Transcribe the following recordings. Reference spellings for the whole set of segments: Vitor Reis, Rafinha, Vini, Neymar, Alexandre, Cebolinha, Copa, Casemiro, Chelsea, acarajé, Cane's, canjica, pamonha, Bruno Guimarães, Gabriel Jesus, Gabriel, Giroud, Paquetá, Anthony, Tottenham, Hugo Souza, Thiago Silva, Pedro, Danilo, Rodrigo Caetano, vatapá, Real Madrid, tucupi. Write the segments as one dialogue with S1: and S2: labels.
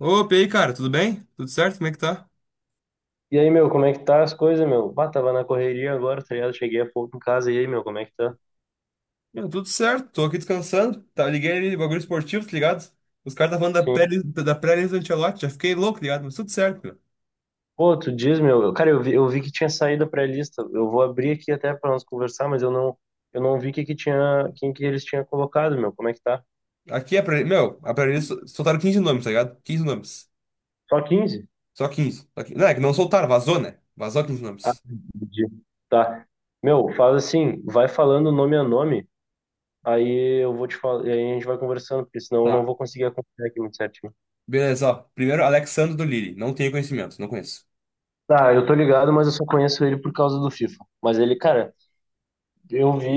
S1: Opa, e aí, cara, tudo bem? Tudo certo? Como é que tá?
S2: E aí, meu, como é que tá as coisas, meu? Bah, tava na correria agora, tá ligado? Cheguei há pouco em casa. E aí, meu, como é que tá?
S1: Meu, tudo certo, tô aqui descansando. Tá, liguei ali, bagulho esportivo, tá ligado? Os caras estavam falando da
S2: Sim.
S1: pré-lista da pré-lista do Ancelotti, já fiquei louco, tá ligado? Mas tudo certo, meu.
S2: Pô, tu diz, meu. Cara, eu vi que tinha saído a pré-lista. Eu vou abrir aqui até pra nós conversar, mas eu não vi que tinha, quem que eles tinham colocado, meu. Como é que tá?
S1: Aqui é pré meu, a pré-lista soltaram 15 nomes, tá ligado? 15 nomes.
S2: Só 15.
S1: Só 15. Só 15. Não, é que não soltaram, vazou, né? Vazou 15
S2: Ah,
S1: nomes.
S2: entendi. Tá. Meu, faz assim, vai falando nome a nome, aí eu vou te falar, aí a gente vai conversando, porque senão eu não
S1: Tá.
S2: vou conseguir acompanhar aqui muito certinho.
S1: Beleza, ó. Primeiro, Alexandre do Lille. Não tenho conhecimento, não conheço.
S2: Tá, eu tô ligado, mas eu só conheço ele por causa do FIFA. Mas ele, cara, Eu vi,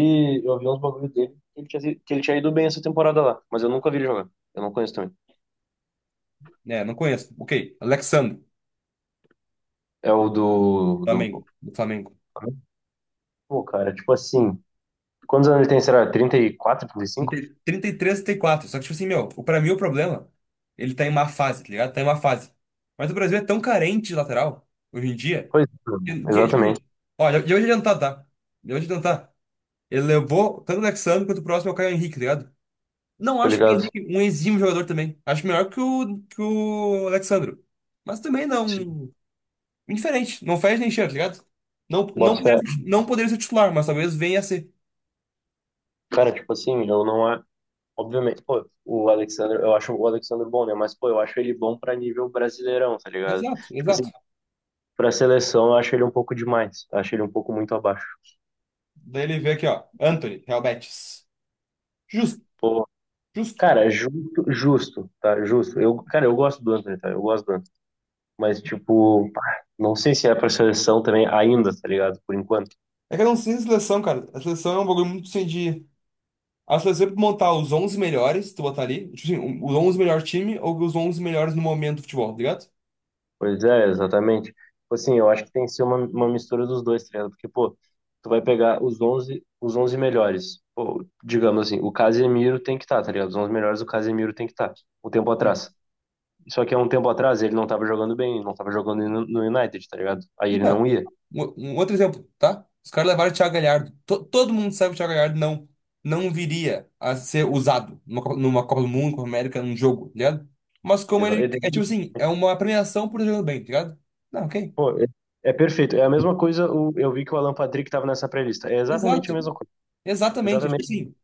S2: eu vi uns bagulhos dele que ele tinha, que ele tinha ido bem essa temporada lá, mas eu nunca vi ele jogar. Eu não conheço também.
S1: É, não conheço. Ok. Alexandre,
S2: É o do.
S1: do Flamengo.
S2: Pô, cara, tipo assim, quantos anos ele tem, será? 34,
S1: trinta
S2: 35?
S1: e três, trinta e quatro. Só que, tipo assim, meu, pra mim o problema, ele tá em má fase, tá ligado? Tá em má fase. Mas o Brasil é tão carente de lateral, hoje em dia,
S2: Pois
S1: que,
S2: é,
S1: que, tipo
S2: exatamente,
S1: assim, ó, já vou te adiantar, tá? Já vou te adiantar. Ele levou tanto o Alexandre quanto o próximo é o Caio Henrique, tá ligado? Não
S2: tô
S1: acho que o
S2: ligado.
S1: Henrique um exímio jogador também. Acho melhor que o Alexandre. Mas também
S2: Sim.
S1: não. Indiferente. Não faz nem cheiro, tá ligado? Não, não,
S2: Bota fé.
S1: não poderia ser titular, mas talvez venha a ser.
S2: Cara, tipo assim, eu não é. Obviamente, pô, o Alexander, eu acho o Alexander bom, né? Mas, pô, eu acho ele bom pra nível brasileirão, tá ligado?
S1: Exato,
S2: Tipo
S1: exato.
S2: assim, pra seleção eu acho ele um pouco demais. Acho ele um pouco muito abaixo.
S1: Daí ele vê aqui, ó. Anthony, Real Betis. Justo,
S2: Pô,
S1: justo.
S2: cara, justo, justo, tá? Justo. Eu, cara, eu gosto do Antony, tá? Eu gosto do Antony. Mas, tipo, pá, não sei se é pra seleção também ainda, tá ligado? Por enquanto.
S1: É que eu não sei a seleção, cara. A seleção é um bagulho muito sem de. A seleção é pra montar os 11 melhores, tu botar ali, tipo assim, os 11 melhores time ou os 11 melhores no momento do futebol, tá ligado?
S2: Pois é, exatamente. Tipo assim, eu acho que tem que ser uma mistura dos dois, tá ligado? Porque, pô, tu vai pegar os onze melhores. Pô, digamos assim, o Casemiro tem que estar, tá ligado? Os 11 melhores, o Casemiro tem que estar. Tá. Um tempo
S1: Sim.
S2: atrás. Só que há um tempo atrás ele não tava jogando bem, não tava jogando no United, tá ligado? Aí
S1: E,
S2: ele não
S1: cara,
S2: ia.
S1: um outro exemplo, tá? Os caras levaram o Thiago Galhardo. Todo mundo sabe que o Thiago Galhardo não viria a ser usado numa, numa Copa do Mundo, Copa América, num jogo, tá ligado? Mas como ele. É tipo assim, é uma premiação por jogar bem, tá ligado? Não, ok.
S2: Pô, é perfeito. É a mesma coisa, eu vi que o Alan Patrick tava nessa pré-lista. É exatamente a
S1: Exato.
S2: mesma coisa.
S1: Exatamente. Tipo
S2: Exatamente.
S1: assim,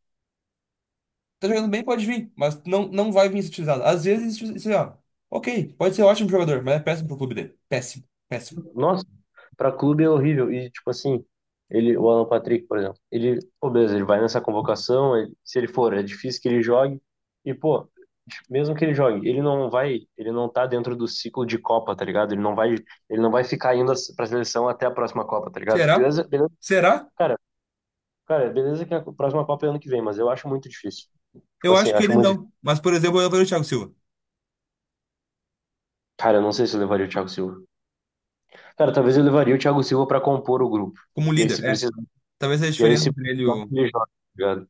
S1: tá jogando bem, pode vir, mas não vai vir utilizado. Às vezes, isso, ó, ok, pode ser ótimo jogador, mas é péssimo pro clube dele. Péssimo, péssimo.
S2: Nossa, pra clube é horrível. E, tipo assim, ele, o Alan Patrick, por exemplo, ele, pô, beleza, ele vai nessa convocação, se ele for, é difícil que ele jogue. E, pô, mesmo que ele jogue, ele não vai, ele não tá dentro do ciclo de Copa, tá ligado? Ele não vai ficar indo pra seleção até a próxima Copa, tá ligado?
S1: Será?
S2: Beleza, beleza,
S1: Será?
S2: cara, cara, beleza que a próxima Copa é ano que vem, mas eu acho muito difícil. Tipo
S1: Eu
S2: assim,
S1: acho que
S2: acho
S1: ele
S2: muito difícil.
S1: não. Mas, por exemplo, eu vejo o Thiago Silva
S2: Cara, eu não sei se eu levaria o Thiago Silva. Cara, talvez eu levaria o Thiago Silva pra compor o grupo.
S1: como
S2: E aí
S1: líder,
S2: se
S1: é.
S2: precisar,
S1: Talvez seja a
S2: e aí
S1: diferença
S2: se
S1: entre ele e
S2: precisar,
S1: o.
S2: ele joga, tá ligado?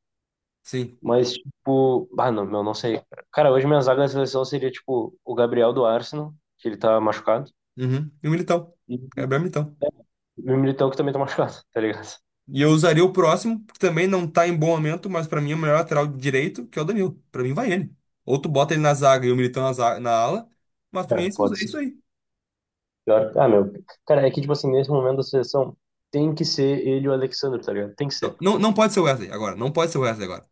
S1: Sim.
S2: Mas, tipo, ah, não, meu, não sei, cara. Cara, hoje minha zaga da seleção seria, tipo, o Gabriel do Arsenal, que ele tá machucado,
S1: Uhum. E o Militão.
S2: e
S1: Gabriel Militão.
S2: o Militão, que também tá machucado, tá ligado?
S1: E eu usaria o próximo, que também não tá em bom momento, mas pra mim é o melhor lateral direito, que é o Danilo. Pra mim vai ele. Ou tu bota ele na zaga e o Militão na, na ala, mas pra
S2: É,
S1: mim é isso
S2: pode
S1: é
S2: ser.
S1: isso aí.
S2: Ah, meu. Cara, é que, tipo assim, nesse momento da seleção, tem que ser ele e o Alexandre, tá ligado? Tem que ser.
S1: Não pode ser o Wesley agora. Não pode ser o Wesley agora.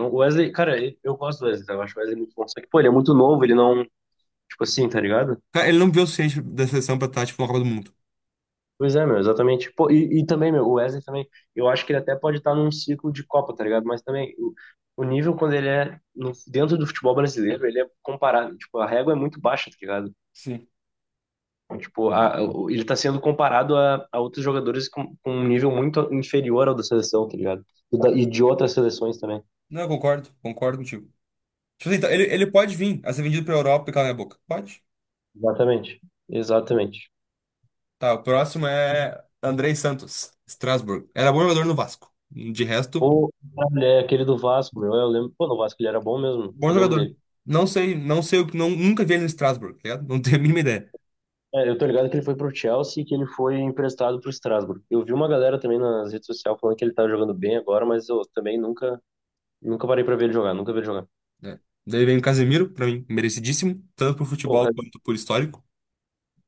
S2: O Wesley, cara, eu gosto do Wesley, tá? Eu acho o Wesley muito bom. Só que, pô, ele é muito novo, ele não, tipo assim, tá ligado?
S1: Cara, ele não viu o suficiente da seleção pra estar, tipo, na Copa do Mundo.
S2: Pois é, meu, exatamente. Pô, e também, meu, o Wesley também, eu acho que ele até pode estar num ciclo de Copa, tá ligado? Mas também, o nível quando ele é dentro do futebol brasileiro, ele é comparado, tipo, a régua é muito baixa, tá ligado?
S1: Sim.
S2: Então, tipo, ele tá sendo comparado a outros jogadores com um nível muito inferior ao da seleção, tá ligado? E, e de outras seleções também.
S1: Não, eu concordo contigo. Tipo assim, então, ele pode vir a ser vendido pra Europa e calar minha boca. Pode.
S2: Exatamente, exatamente.
S1: Tá, o próximo é Andrei Santos, Strasbourg. Era bom jogador no Vasco. De resto,
S2: Ou, é aquele do Vasco, meu, eu lembro, pô, no Vasco ele era bom mesmo,
S1: bom
S2: eu lembro
S1: jogador.
S2: dele.
S1: Não, nunca vi ele no Strasbourg, tá ligado? Não tenho a mínima ideia.
S2: É, eu tô ligado que ele foi pro Chelsea e que ele foi emprestado pro Strasbourg. Eu vi uma galera também nas redes sociais falando que ele tá jogando bem agora, mas eu também nunca parei pra ver ele jogar, nunca vi ele jogar.
S1: É. Daí vem o Casemiro, pra mim, merecidíssimo, tanto por
S2: Pô,
S1: futebol quanto por histórico.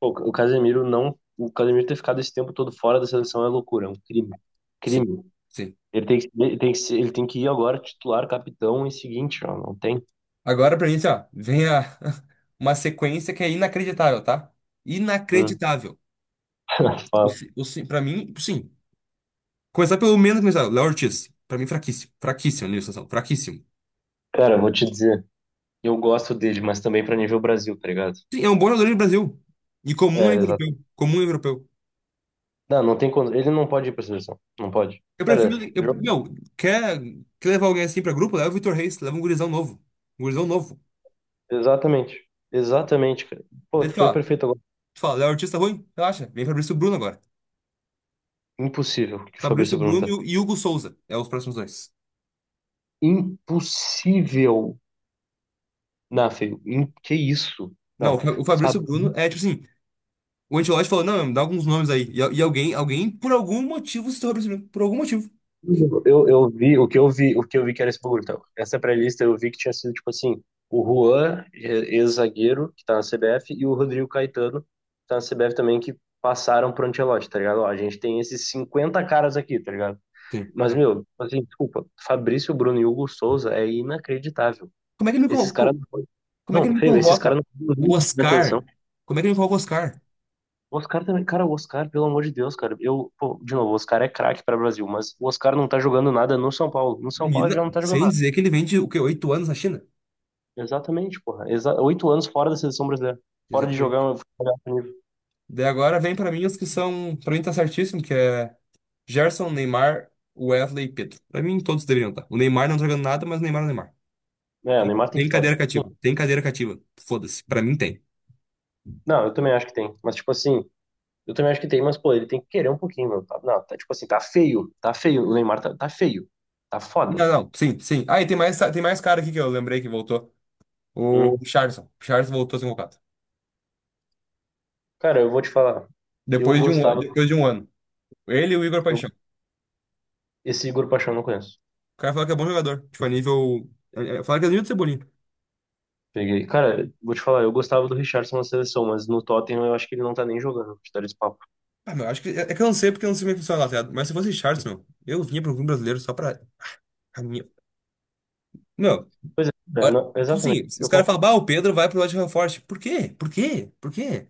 S2: pô, o Casemiro não, o Casemiro ter ficado esse tempo todo fora da seleção é loucura, é um crime,
S1: Sim,
S2: crime.
S1: sim.
S2: Ele tem que ele tem que ir agora titular, capitão e seguinte, ó, não tem.
S1: Agora pra mim, assim, ó, vem a, uma sequência que é inacreditável, tá?
S2: Hum.
S1: Inacreditável.
S2: Fala.
S1: Pra mim, sim. Começar pelo menos começar. Léo Ortiz. Pra mim, fraquíssimo. Fraquíssimo na situação. Fraquíssimo.
S2: Cara, eu vou te dizer, eu gosto dele, mas também pra nível Brasil, tá ligado?
S1: Sim, é um bom jogador do Brasil. E comum é
S2: É,
S1: europeu.
S2: exato.
S1: Comum é europeu.
S2: Não, não tem, ele não pode ir pra seleção, não pode.
S1: Eu prefiro.
S2: Cara,
S1: Eu,
S2: jo-
S1: meu, quer, quer levar alguém assim pra grupo? Leva o Vitor Reis. Leva um gurizão novo. Um gurizão novo.
S2: Exatamente. Exatamente, cara. Pô,
S1: Daí tu
S2: tu foi
S1: fala,
S2: perfeito agora.
S1: tu fala, Léo Ortiz tá ruim? Relaxa. Vem Fabrício Bruno agora.
S2: Impossível que o
S1: Fabrício
S2: Fabrício Bruno
S1: Bruno e
S2: tá.
S1: o e Hugo Souza. É os próximos dois.
S2: Impossível. Não, feio. Que isso?
S1: Não, o
S2: Não.
S1: Fa- o Fabrício Bruno é tipo assim. O Ancelotti falou, não, dá alguns nomes aí. E alguém por algum motivo, citou o Fabrício Bruno. Por algum motivo.
S2: Fabrício, eu vi o que eu vi que era esse bagulho. Então, essa pré-lista eu vi que tinha sido tipo assim, o Juan, ex-zagueiro, que tá na CBF, e o Rodrigo Caetano, que tá na CBF também, que passaram pro Ancelotti, tá ligado? Ó, a gente tem esses 50 caras aqui, tá ligado?
S1: Sim.
S2: Mas, meu, assim, desculpa, Fabrício Bruno e Hugo Souza é inacreditável.
S1: Como é que ele me,
S2: Esses
S1: con-
S2: caras
S1: co-
S2: não podem.
S1: Como é que
S2: Não,
S1: ele me
S2: feio, esses
S1: convoca?
S2: caras não podem
S1: O
S2: nunca na seleção.
S1: Oscar. Como é que ele me convoca o Oscar?
S2: O Oscar também, cara, o Oscar, pelo amor de Deus, cara. Eu, pô, de novo, o Oscar é craque para o Brasil, mas o Oscar não tá jogando nada no São Paulo. No São Paulo ele já não tá jogando
S1: Sem
S2: nada.
S1: dizer que ele vende o quê? 8 anos na China?
S2: Exatamente, porra. Exa 8 anos fora da seleção brasileira. Fora de jogar
S1: Exatamente.
S2: um futebol de alto nível.
S1: Daí agora vem pra mim os que são. Pra mim tá certíssimo, que é Gerson, Neymar, Wesley e Pedro. Pra mim todos deveriam estar. O Neymar não tá jogando nada, mas o Neymar é o Neymar.
S2: É, o Neymar tem que
S1: Tem
S2: estar,
S1: cadeira
S2: tipo,
S1: cativa.
S2: assim,
S1: Tem cadeira cativa. Foda-se. Pra mim tem.
S2: não, eu também acho que tem, mas tipo assim, eu também acho que tem, mas pô, ele tem que querer um pouquinho, mano. Não, tá tipo assim, tá feio, o Neymar tá feio, tá foda.
S1: Não, não. Sim, sim. Ah, e tem mais cara aqui que eu lembrei que voltou. O
S2: Hum.
S1: Richarlison. O Richarlison voltou a ser convocado.
S2: Cara, eu vou te falar, eu gostava,
S1: Depois de um ano. Ele e o Igor
S2: eu,
S1: Paixão.
S2: esse Igor Paixão eu não conheço.
S1: O cara fala que é bom jogador. Tipo, a nível. Fala que é nível do Cebolinha.
S2: Peguei. Cara, vou te falar, eu gostava do Richarlison na seleção, mas no Tottenham eu acho que ele não tá nem jogando, pra te dar esse papo.
S1: Ah, meu, acho que. É é que eu não sei porque eu não sei como é que funciona lá, tá ligado? Mas se fosse Richarlison, eu vinha pro clube brasileiro só pra. a minha- Meu,
S2: Pois é,
S1: olha, tipo
S2: exatamente,
S1: assim, os
S2: eu
S1: caras falam,
S2: concordo.
S1: bah, o Pedro vai pro Nottingham Forest. Por quê? Por quê? Por quê?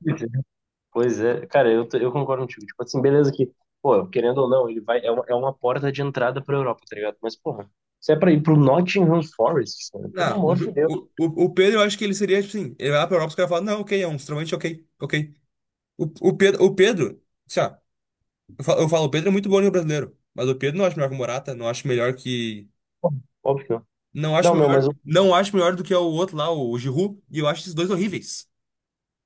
S2: Pois é, cara, eu concordo contigo. Tipo assim, beleza que, pô, querendo ou não, ele vai, é uma porta de entrada pra Europa, tá ligado? Mas, porra, se é pra ir pro Nottingham Forest, cara, pelo
S1: Não, um
S2: amor de
S1: jo-
S2: Deus,
S1: o, o, o Pedro, eu acho que ele seria, tipo assim, ele vai lá pra Europa, os caras falam, não, ok, é um extremamente ok, ok. O Pedro, sei lá, eu falo, o Pedro é muito bom no brasileiro, mas o Pedro não acho melhor que o Morata, não acho melhor que.
S2: óbvio que não.
S1: Não acho
S2: Não, meu, mas
S1: melhor,
S2: o
S1: não acho melhor do que o outro lá, o Giroud, e eu acho esses dois horríveis.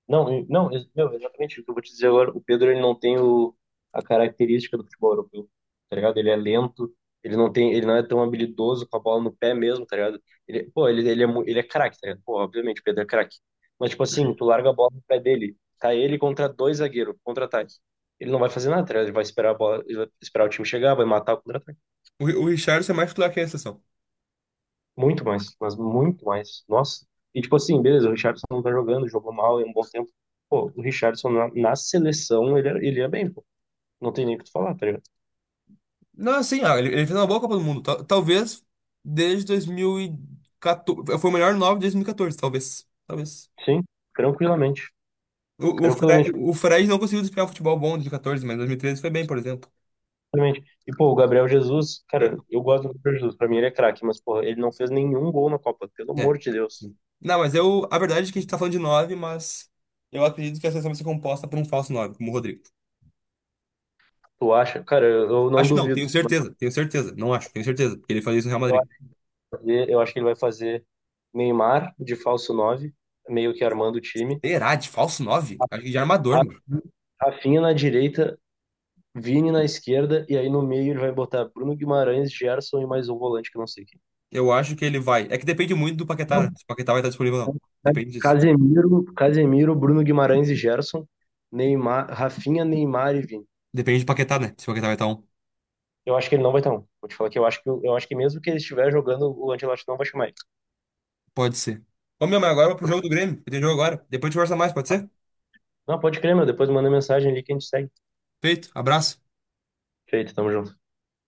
S2: não, não, meu, exatamente o que eu vou te dizer agora. O Pedro, ele não tem a característica do futebol europeu, tá ligado? Ele é lento, ele não tem, ele não é tão habilidoso com a bola no pé mesmo, tá ligado? Ele, pô, ele é, ele é craque, tá ligado? Pô, obviamente, o Pedro é craque. Mas, tipo assim, tu larga a bola no pé dele, tá ele contra dois zagueiros, contra-ataque. Ele não vai fazer nada, tá ligado? Ele vai esperar a bola, ele vai esperar o time chegar, vai matar o contra-ataque.
S1: O Richarlison é mais titular que a exceção.
S2: Muito mais, mas muito mais. Nossa. E tipo assim, beleza, o Richarlison não tá jogando, jogou mal em um bom tempo. Pô, o Richarlison na seleção, ele, ele é bem, pô. Não tem nem o que tu falar, tá ligado?
S1: Não, assim, ah, ele fez uma boa Copa do Mundo. Talvez desde 2014. Foi o melhor nove desde 2014, talvez. Talvez.
S2: Sim, tranquilamente.
S1: O, o, Fre-
S2: Tranquilamente,
S1: o Fred não conseguiu desempenhar um futebol bom em 2014, mas em 2013 foi bem, por exemplo.
S2: tranquilamente. E, pô, o Gabriel Jesus, cara, eu gosto do Gabriel Jesus. Pra mim ele é craque, mas, pô, ele não fez nenhum gol na Copa, pelo
S1: É, é,
S2: amor de Deus.
S1: sim. Não, mas eu. A verdade é que a gente tá falando de nove, mas eu acredito que a seleção vai ser composta por um falso nove, como o Rodrigo.
S2: Tu acha? Cara, eu não
S1: Acho que não,
S2: duvido.
S1: tenho
S2: Mas
S1: certeza, tenho certeza. Não acho, tenho certeza, porque ele fazia isso no Real
S2: eu
S1: Madrid.
S2: acho que ele vai fazer Neymar de falso 9 meio que armando o time.
S1: Será de falso 9? Acho que de armador,
S2: Ra-
S1: mano.
S2: Rafinha na direita, Vini na esquerda, e aí no meio ele vai botar Bruno Guimarães, Gerson e mais um volante que eu não sei quem.
S1: Eu acho que ele vai. É que depende muito do Paquetá,
S2: Não,
S1: né? Se o Paquetá vai estar disponível ou não. Depende disso.
S2: Casemiro, Casemiro, Bruno Guimarães e Gerson, Neymar, Rafinha, Neymar e Vini.
S1: Depende do Paquetá, né? Se o Paquetá vai estar um.
S2: Eu acho que ele não vai estar um. Vou te falar que eu acho que mesmo que ele estiver jogando, o Ancelotti não vai chamar ele.
S1: Pode ser. Ô, meu, mas agora eu vou pro
S2: Porque-
S1: jogo do Grêmio. Eu tenho jogo agora. Depois a gente conversa mais, pode ser?
S2: Não, pode crer, meu. Depois manda mensagem ali que a gente segue.
S1: Feito. Abraço.
S2: Feito, tamo junto.